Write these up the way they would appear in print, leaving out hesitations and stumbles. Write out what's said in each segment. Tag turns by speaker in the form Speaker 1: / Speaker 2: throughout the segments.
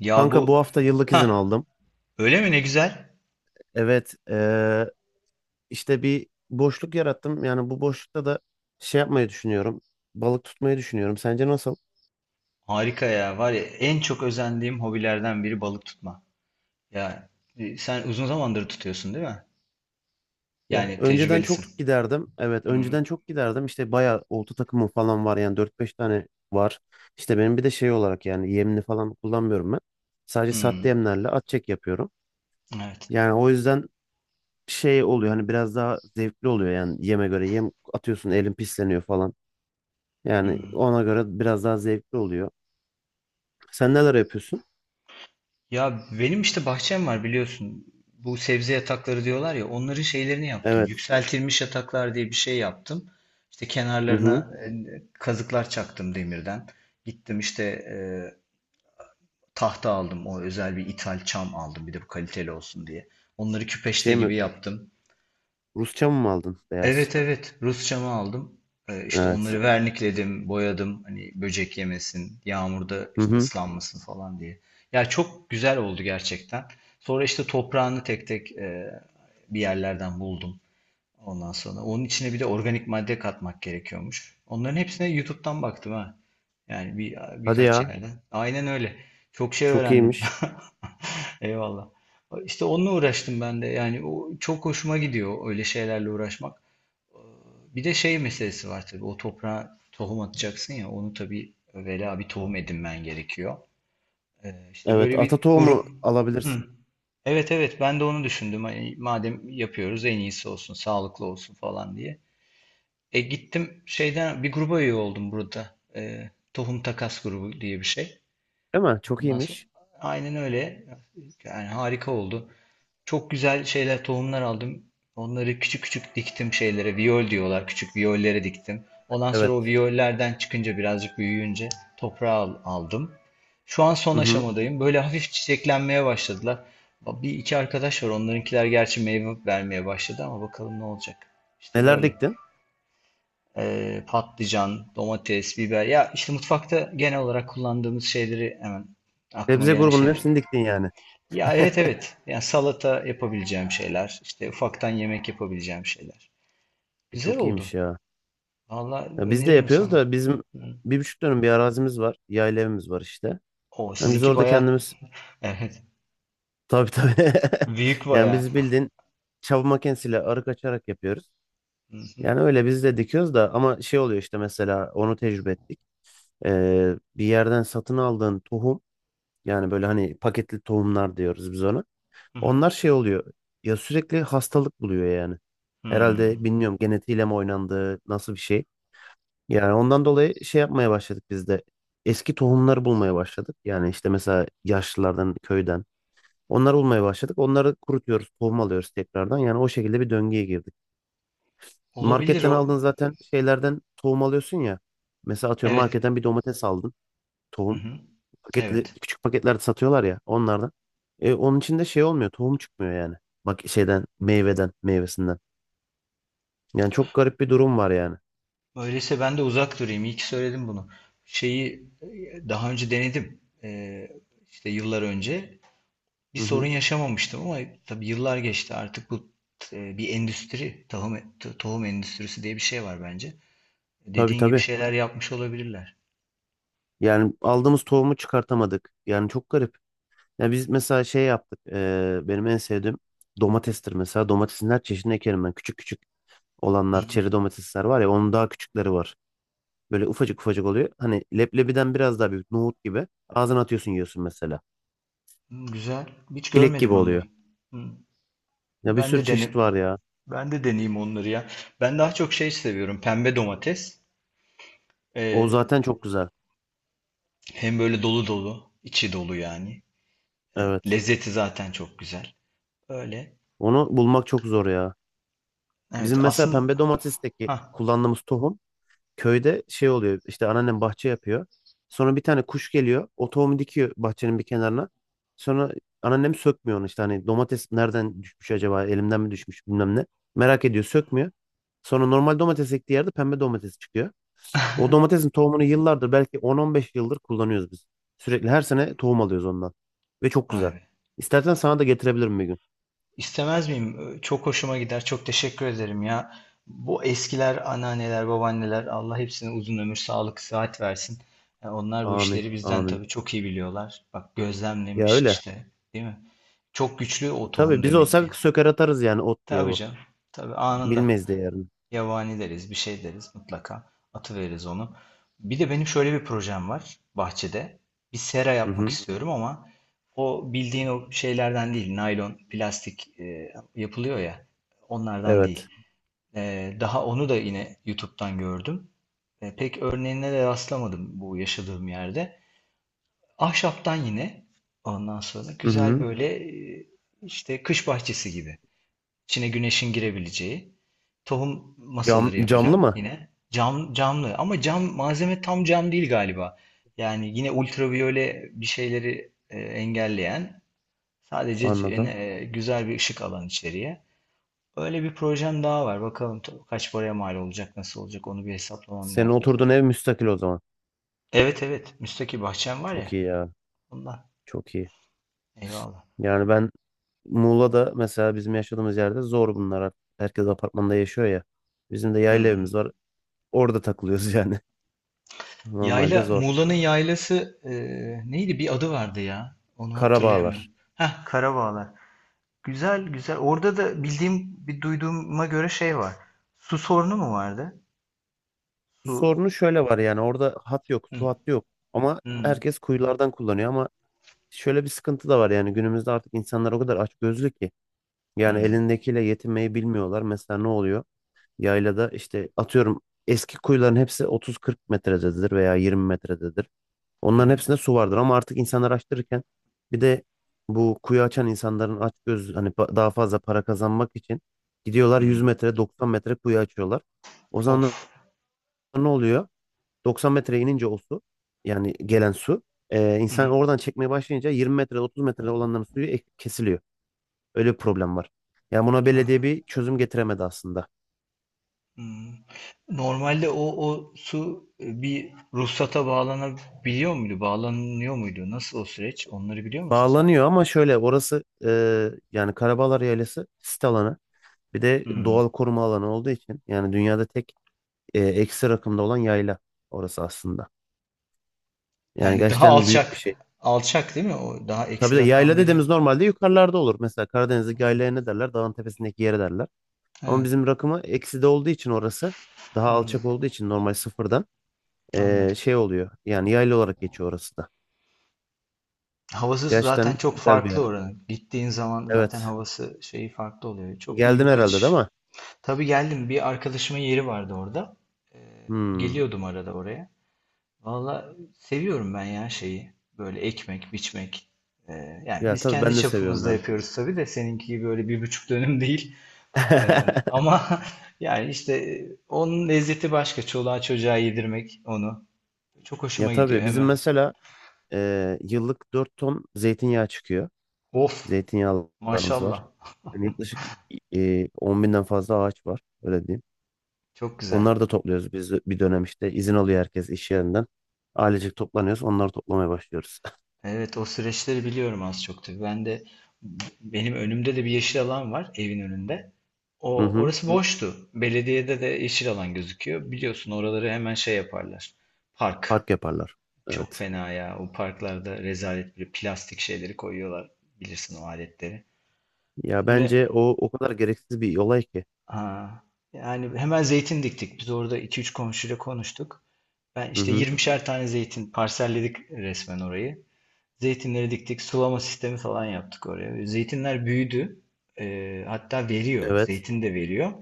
Speaker 1: Ya
Speaker 2: Kanka bu
Speaker 1: bu,
Speaker 2: hafta yıllık izin
Speaker 1: ha,
Speaker 2: aldım.
Speaker 1: öyle mi, ne güzel.
Speaker 2: Evet, işte bir boşluk yarattım. Yani bu boşlukta da şey yapmayı düşünüyorum. Balık tutmayı düşünüyorum. Sence nasıl?
Speaker 1: Harika ya. Var ya en çok özendiğim hobilerden biri balık tutma. Ya sen uzun zamandır tutuyorsun değil mi?
Speaker 2: Ya
Speaker 1: Yani
Speaker 2: önceden
Speaker 1: tecrübelisin.
Speaker 2: çok giderdim. Evet,
Speaker 1: Hmm,
Speaker 2: önceden çok giderdim. İşte bayağı olta takımım falan var. Yani dört beş tane var. İşte benim bir de şey olarak yani yemini falan kullanmıyorum ben. Sadece sahte
Speaker 1: hmm,
Speaker 2: yemlerle at çek yapıyorum.
Speaker 1: evet.
Speaker 2: Yani o yüzden şey oluyor hani biraz daha zevkli oluyor yani yeme göre yem atıyorsun elin pisleniyor falan. Yani
Speaker 1: Hmm.
Speaker 2: ona göre biraz daha zevkli oluyor. Sen neler yapıyorsun?
Speaker 1: Ya benim işte bahçem var biliyorsun. Bu sebze yatakları diyorlar ya onların şeylerini yaptım.
Speaker 2: Evet.
Speaker 1: Yükseltilmiş yataklar diye bir şey yaptım. İşte
Speaker 2: Hı hı.
Speaker 1: kenarlarına kazıklar çaktım demirden. Gittim işte, tahta aldım. O özel bir ithal çam aldım. Bir de bu kaliteli olsun diye. Onları küpeşte
Speaker 2: Şey mi?
Speaker 1: gibi yaptım.
Speaker 2: Rusça mı aldın? Beyaz.
Speaker 1: Evet evet. Rus çamı aldım. İşte
Speaker 2: Evet.
Speaker 1: onları vernikledim, boyadım. Hani böcek yemesin, yağmurda
Speaker 2: Hı
Speaker 1: işte
Speaker 2: hı.
Speaker 1: ıslanmasın falan diye. Ya çok güzel oldu gerçekten. Sonra işte toprağını tek tek bir yerlerden buldum. Ondan sonra onun içine bir de organik madde katmak gerekiyormuş. Onların hepsine YouTube'dan baktım ha. Yani bir
Speaker 2: Hadi
Speaker 1: birkaç
Speaker 2: ya.
Speaker 1: yerden. Aynen öyle. Çok şey
Speaker 2: Çok
Speaker 1: öğrendim.
Speaker 2: iyiymiş.
Speaker 1: Eyvallah. İşte onunla uğraştım ben de. Yani o çok hoşuma gidiyor öyle şeylerle uğraşmak. Bir de şey meselesi var tabii. O toprağa tohum atacaksın ya. Onu tabii evvela bir tohum edinmen gerekiyor. İşte
Speaker 2: Evet.
Speaker 1: böyle
Speaker 2: Ata
Speaker 1: bir
Speaker 2: tohumu
Speaker 1: grup. Hı.
Speaker 2: alabilirsin.
Speaker 1: Evet evet, ben de onu düşündüm. Hani madem yapıyoruz en iyisi olsun, sağlıklı olsun falan diye. Gittim şeyden bir gruba üye oldum burada. Tohum Takas grubu diye bir şey.
Speaker 2: Değil mi? Çok
Speaker 1: Ondan sonra
Speaker 2: iyiymiş.
Speaker 1: aynen öyle. Yani harika oldu. Çok güzel şeyler, tohumlar aldım. Onları küçük küçük diktim şeylere. Viyol diyorlar. Küçük viyollere diktim. Ondan sonra o
Speaker 2: Evet.
Speaker 1: viyollerden çıkınca birazcık büyüyünce toprağa aldım. Şu an son
Speaker 2: Hı hı.
Speaker 1: aşamadayım. Böyle hafif çiçeklenmeye başladılar. Bir iki arkadaş var. Onlarınkiler gerçi meyve vermeye başladı ama bakalım ne olacak. İşte
Speaker 2: Neler
Speaker 1: böyle.
Speaker 2: diktin?
Speaker 1: Patlıcan, domates, biber. Ya işte mutfakta genel olarak kullandığımız şeyleri hemen aklıma
Speaker 2: Sebze
Speaker 1: gelen
Speaker 2: grubunun
Speaker 1: şeyleri.
Speaker 2: hepsini diktin yani.
Speaker 1: Ya evet evet. Yani salata yapabileceğim şeyler, işte ufaktan yemek yapabileceğim şeyler.
Speaker 2: E,
Speaker 1: Güzel
Speaker 2: Çok iyiymiş
Speaker 1: oldu.
Speaker 2: ya.
Speaker 1: Valla
Speaker 2: Ya biz de
Speaker 1: öneririm
Speaker 2: yapıyoruz
Speaker 1: sana.
Speaker 2: da bizim
Speaker 1: Hı.
Speaker 2: 1,5 dönüm bir arazimiz var. Yayla evimiz var işte.
Speaker 1: O
Speaker 2: Yani biz
Speaker 1: sizinki
Speaker 2: orada
Speaker 1: bayağı.
Speaker 2: kendimiz
Speaker 1: Evet.
Speaker 2: tabii tabii.
Speaker 1: Büyük
Speaker 2: Yani
Speaker 1: bayağı.
Speaker 2: biz bildiğin çapa makinesiyle arık açarak yapıyoruz.
Speaker 1: Hı hı.
Speaker 2: Yani öyle biz de dikiyoruz da ama şey oluyor işte mesela onu tecrübe ettik. Bir yerden satın aldığın tohum yani böyle hani paketli tohumlar diyoruz biz ona.
Speaker 1: Hı hı.
Speaker 2: Onlar şey oluyor ya sürekli hastalık buluyor yani. Herhalde
Speaker 1: Hmm.
Speaker 2: bilmiyorum genetiğiyle mi oynandı nasıl bir şey. Yani ondan dolayı şey yapmaya başladık biz de. Eski tohumları bulmaya başladık. Yani işte mesela yaşlılardan, köyden. Onları bulmaya başladık. Onları kurutuyoruz, tohum alıyoruz tekrardan. Yani o şekilde bir döngüye girdik.
Speaker 1: Olabilir
Speaker 2: Marketten
Speaker 1: o.
Speaker 2: aldığın zaten şeylerden tohum alıyorsun ya. Mesela atıyorum
Speaker 1: Evet.
Speaker 2: marketten bir domates aldın
Speaker 1: Hı
Speaker 2: tohum.
Speaker 1: hı.
Speaker 2: Paketli
Speaker 1: Evet.
Speaker 2: küçük paketlerde satıyorlar ya onlardan. Onun içinde şey olmuyor tohum çıkmıyor yani. Bak şeyden meyveden meyvesinden. Yani çok garip bir durum var yani.
Speaker 1: Öyleyse ben de uzak durayım. İyi ki söyledim bunu. Şeyi daha önce denedim. İşte yıllar önce. Bir
Speaker 2: Hı
Speaker 1: sorun
Speaker 2: hı.
Speaker 1: yaşamamıştım ama tabii yıllar geçti. Artık bu bir endüstri. Tohum, tohum endüstrisi diye bir şey var bence.
Speaker 2: Tabii
Speaker 1: Dediğin gibi
Speaker 2: tabii.
Speaker 1: şeyler yapmış olabilirler.
Speaker 2: Yani aldığımız tohumu çıkartamadık. Yani çok garip. Ya biz mesela şey yaptık. Benim en sevdiğim domatestir mesela. Domatesin her çeşidini ekerim ben. Küçük küçük olanlar çeri domatesler var ya onun daha küçükleri var. Böyle ufacık ufacık oluyor. Hani leblebiden biraz daha büyük nohut gibi. Ağzına atıyorsun yiyorsun mesela.
Speaker 1: Hı, güzel. Hiç
Speaker 2: Çilek gibi
Speaker 1: görmedim onları.
Speaker 2: oluyor.
Speaker 1: Hı,
Speaker 2: Ya bir
Speaker 1: ben
Speaker 2: sürü
Speaker 1: de
Speaker 2: çeşit
Speaker 1: dene,
Speaker 2: var ya.
Speaker 1: ben de deneyeyim onları ya. Ben daha çok şey seviyorum. Pembe domates.
Speaker 2: O
Speaker 1: Ee,
Speaker 2: zaten çok güzel.
Speaker 1: hem böyle dolu dolu, içi dolu yani.
Speaker 2: Evet.
Speaker 1: Lezzeti zaten çok güzel. Öyle.
Speaker 2: Onu bulmak çok zor ya.
Speaker 1: Evet
Speaker 2: Bizim mesela
Speaker 1: aslında.
Speaker 2: pembe domatesteki
Speaker 1: Ha,
Speaker 2: kullandığımız tohum köyde şey oluyor. İşte anneannem bahçe yapıyor. Sonra bir tane kuş geliyor. O tohumu dikiyor bahçenin bir kenarına. Sonra anneannem sökmüyor onu işte. Hani domates nereden düşmüş acaba? Elimden mi düşmüş bilmem ne. Merak ediyor sökmüyor. Sonra normal domates ektiği yerde pembe domates çıkıyor. O domatesin tohumunu yıllardır belki 10-15 yıldır kullanıyoruz biz. Sürekli her sene tohum alıyoruz ondan. Ve çok
Speaker 1: vay
Speaker 2: güzel.
Speaker 1: be.
Speaker 2: İstersen sana da getirebilirim bir gün.
Speaker 1: İstemez miyim? Çok hoşuma gider. Çok teşekkür ederim ya. Bu eskiler, anneanneler, babaanneler Allah hepsine uzun ömür, sağlık, sıhhat versin. Ya onlar bu
Speaker 2: Amin.
Speaker 1: işleri bizden
Speaker 2: Amin.
Speaker 1: tabii çok iyi biliyorlar. Bak
Speaker 2: Ya
Speaker 1: gözlemlemiş
Speaker 2: öyle.
Speaker 1: işte, değil mi? Çok güçlü o tohum
Speaker 2: Tabii biz
Speaker 1: demek ki.
Speaker 2: olsak söker atarız yani ot diye
Speaker 1: Tabii
Speaker 2: bu.
Speaker 1: canım. Tabii anında.
Speaker 2: Bilmeyiz de.
Speaker 1: Yabani deriz, bir şey deriz mutlaka. Atıveririz onu. Bir de benim şöyle bir projem var bahçede. Bir sera
Speaker 2: Hı
Speaker 1: yapmak
Speaker 2: hı.
Speaker 1: istiyorum ama o bildiğin o şeylerden değil. Naylon, plastik yapılıyor ya. Onlardan
Speaker 2: Evet.
Speaker 1: değil. Daha onu da yine YouTube'dan gördüm. Pek örneğine de rastlamadım bu yaşadığım yerde. Ahşaptan yine ondan sonra
Speaker 2: Hı
Speaker 1: güzel
Speaker 2: hı.
Speaker 1: böyle e, işte kış bahçesi gibi. İçine güneşin girebileceği. Tohum
Speaker 2: Cam,
Speaker 1: masaları
Speaker 2: camlı
Speaker 1: yapacağım
Speaker 2: mı?
Speaker 1: yine. Cam, camlı ama cam malzeme tam cam değil galiba. Yani yine ultraviyole bir şeyleri engelleyen sadece
Speaker 2: Anladım.
Speaker 1: güzel bir ışık alan içeriye. Öyle bir projem daha var. Bakalım kaç paraya mal olacak, nasıl olacak onu bir hesaplamam
Speaker 2: Senin
Speaker 1: lazım
Speaker 2: oturduğun
Speaker 1: tabii.
Speaker 2: ev müstakil o zaman.
Speaker 1: Evet evet, müstakil bahçem var ya
Speaker 2: Çok iyi ya.
Speaker 1: ondan.
Speaker 2: Çok iyi.
Speaker 1: Eyvallah.
Speaker 2: Yani ben Muğla'da mesela bizim yaşadığımız yerde zor bunlar artık. Herkes apartmanda yaşıyor ya. Bizim de
Speaker 1: Hı,
Speaker 2: yayla evimiz
Speaker 1: hı.
Speaker 2: var. Orada takılıyoruz yani. Normalde
Speaker 1: Yayla,
Speaker 2: zor.
Speaker 1: Muğla'nın yaylası neydi? Bir adı vardı ya. Onu hatırlayamıyorum.
Speaker 2: Karabağlar.
Speaker 1: Heh, Karabağlar. Güzel güzel. Orada da bildiğim bir duyduğuma göre şey var. Su sorunu mu vardı?
Speaker 2: Bu
Speaker 1: Su.
Speaker 2: sorunu şöyle var yani orada hat yok,
Speaker 1: Hı
Speaker 2: su hattı yok. Ama
Speaker 1: hı,
Speaker 2: herkes kuyulardan kullanıyor ama şöyle bir sıkıntı da var yani günümüzde artık insanlar o kadar açgözlü ki yani
Speaker 1: hı
Speaker 2: elindekiyle yetinmeyi bilmiyorlar. Mesela ne oluyor? Yaylada işte atıyorum eski kuyuların hepsi 30-40 metrededir veya 20 metrededir.
Speaker 1: hı,
Speaker 2: Onların hepsinde su vardır ama artık insanlar açtırırken bir de bu kuyu açan insanların açgöz hani daha fazla para kazanmak için gidiyorlar 100
Speaker 1: hı.
Speaker 2: metre 90 metre kuyu açıyorlar. O zaman
Speaker 1: Of.
Speaker 2: ne oluyor? 90 metreye inince o su yani gelen su
Speaker 1: Hı
Speaker 2: insan
Speaker 1: hı.
Speaker 2: oradan çekmeye başlayınca 20 metre 30 metrede olanların suyu kesiliyor. Öyle bir problem var. Yani buna belediye
Speaker 1: Ha,
Speaker 2: bir çözüm getiremedi aslında.
Speaker 1: hı. Normalde o su bir ruhsata bağlanabiliyor muydu? Bağlanıyor muydu? Nasıl o süreç? Onları biliyor musun sen?
Speaker 2: Bağlanıyor ama şöyle orası yani Karabağlar Yaylası sit alanı bir de
Speaker 1: Hı.
Speaker 2: doğal koruma alanı olduğu için yani dünyada tek eksi rakımda olan yayla orası aslında. Yani
Speaker 1: Yani daha
Speaker 2: gerçekten büyük bir
Speaker 1: alçak.
Speaker 2: şey.
Speaker 1: Alçak değil mi? O daha
Speaker 2: Tabii
Speaker 1: eksi
Speaker 2: de
Speaker 1: rakam
Speaker 2: yayla
Speaker 1: dediğin.
Speaker 2: dediğimiz normalde yukarılarda olur. Mesela Karadeniz'deki
Speaker 1: Hı.
Speaker 2: yaylaya ne derler? Dağın tepesindeki yere derler. Ama
Speaker 1: Evet.
Speaker 2: bizim rakımı eksi de olduğu için orası daha
Speaker 1: Hı.
Speaker 2: alçak olduğu için normal sıfırdan
Speaker 1: Anladım.
Speaker 2: şey oluyor. Yani yaylı olarak geçiyor orası da.
Speaker 1: Havası
Speaker 2: Gerçekten
Speaker 1: zaten çok
Speaker 2: güzel bir
Speaker 1: farklı
Speaker 2: yer.
Speaker 1: oranın. Gittiğin zaman zaten
Speaker 2: Evet.
Speaker 1: havası şeyi farklı oluyor. Çok iyi
Speaker 2: Geldin
Speaker 1: bir
Speaker 2: herhalde değil
Speaker 1: kaçış.
Speaker 2: mi?
Speaker 1: Tabii geldim. Bir arkadaşımın yeri vardı orada. Ee,
Speaker 2: Hmm.
Speaker 1: geliyordum arada oraya. Valla seviyorum ben ya şeyi. Böyle ekmek, biçmek. Yani
Speaker 2: Ya
Speaker 1: biz
Speaker 2: tabii
Speaker 1: kendi
Speaker 2: ben de seviyorum
Speaker 1: çapımızda
Speaker 2: ya.
Speaker 1: yapıyoruz tabii de seninki gibi öyle 1,5 dönüm değil. Ee, ama yani işte onun lezzeti başka. Çoluğa çocuğa yedirmek onu. Çok
Speaker 2: Ya
Speaker 1: hoşuma gidiyor
Speaker 2: tabii bizim
Speaker 1: hemen.
Speaker 2: mesela yıllık 4 ton zeytinyağı çıkıyor.
Speaker 1: Of,
Speaker 2: Zeytinyağlarımız var.
Speaker 1: maşallah.
Speaker 2: Yani yaklaşık 10 binden fazla ağaç var. Öyle diyeyim.
Speaker 1: Çok güzel.
Speaker 2: Onları da topluyoruz biz bir dönem işte. İzin alıyor herkes iş yerinden. Ailecek toplanıyoruz. Onları toplamaya başlıyoruz.
Speaker 1: Evet, o süreçleri biliyorum az çok tabii. Ben de benim önümde de bir yeşil alan var evin önünde.
Speaker 2: Hı
Speaker 1: O
Speaker 2: hı.
Speaker 1: orası, hı, boştu. Belediyede de yeşil alan gözüküyor. Biliyorsun oraları hemen şey yaparlar. Park.
Speaker 2: Park yaparlar.
Speaker 1: Çok
Speaker 2: Evet.
Speaker 1: fena ya. O parklarda rezalet bir plastik şeyleri koyuyorlar. Bilirsin o aletleri.
Speaker 2: Ya
Speaker 1: Şimdi,
Speaker 2: bence o o kadar gereksiz bir olay ki.
Speaker 1: ha, yani hemen zeytin diktik. Biz orada iki üç komşuyla konuştuk. Ben
Speaker 2: Hı
Speaker 1: işte
Speaker 2: hı.
Speaker 1: 20'şer tane zeytin parselledik resmen orayı. Zeytinleri diktik, sulama sistemi falan yaptık oraya. Zeytinler büyüdü. Hatta veriyor.
Speaker 2: Evet.
Speaker 1: Zeytin de veriyor.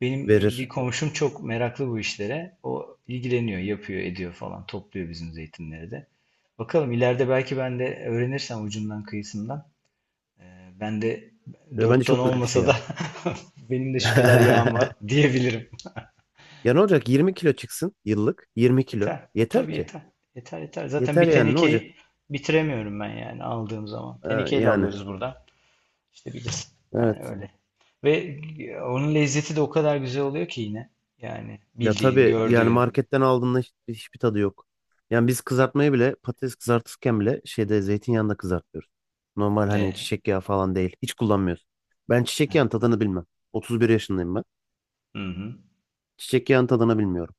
Speaker 1: Benim bir
Speaker 2: Verir.
Speaker 1: komşum çok meraklı bu işlere. O ilgileniyor, yapıyor, ediyor falan. Topluyor bizim zeytinleri de. Bakalım ileride belki ben de öğrenirsem ucundan kıyısından. e, ben de
Speaker 2: Ya bence
Speaker 1: 4 ton
Speaker 2: çok güzel bir şey
Speaker 1: olmasa da
Speaker 2: ya.
Speaker 1: benim de şu kadar yağım var diyebilirim.
Speaker 2: Ya ne olacak? 20 kilo çıksın yıllık. 20 kilo.
Speaker 1: Yeter.
Speaker 2: Yeter
Speaker 1: Tabii
Speaker 2: ki.
Speaker 1: yeter. Yeter yeter. Zaten
Speaker 2: Yeter
Speaker 1: bir
Speaker 2: yani ne olacak?
Speaker 1: tenekeyi bitiremiyorum ben yani aldığım zaman.
Speaker 2: Ha,
Speaker 1: Tenekeyle
Speaker 2: yani.
Speaker 1: alıyoruz buradan. İşte bilirsin. Yani
Speaker 2: Evet.
Speaker 1: öyle. Ve onun lezzeti de o kadar güzel oluyor ki yine. Yani
Speaker 2: Ya
Speaker 1: bildiğin,
Speaker 2: tabii yani
Speaker 1: gördüğün.
Speaker 2: marketten aldığında hiçbir tadı yok. Yani biz kızartmayı bile patates kızartırken bile şeyde zeytinyağında kızartıyoruz. Normal hani
Speaker 1: Ne?
Speaker 2: çiçek yağı falan değil. Hiç kullanmıyoruz. Ben çiçek yağının tadını bilmem. 31 yaşındayım ben.
Speaker 1: Hı hı.
Speaker 2: Çiçek yağının tadını bilmiyorum.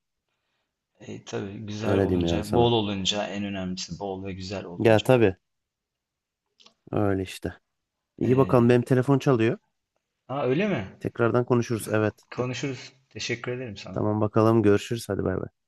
Speaker 1: Tabii güzel
Speaker 2: Öyle diyeyim yani
Speaker 1: olunca, bol
Speaker 2: sana.
Speaker 1: olunca en önemlisi bol ve güzel
Speaker 2: Ya
Speaker 1: olunca.
Speaker 2: tabii öyle işte. İyi bakalım benim
Speaker 1: E,
Speaker 2: telefon çalıyor.
Speaker 1: ha öyle mi?
Speaker 2: Tekrardan konuşuruz. Evet.
Speaker 1: Konuşuruz. Teşekkür ederim sana.
Speaker 2: Tamam bakalım görüşürüz. Hadi bay bay.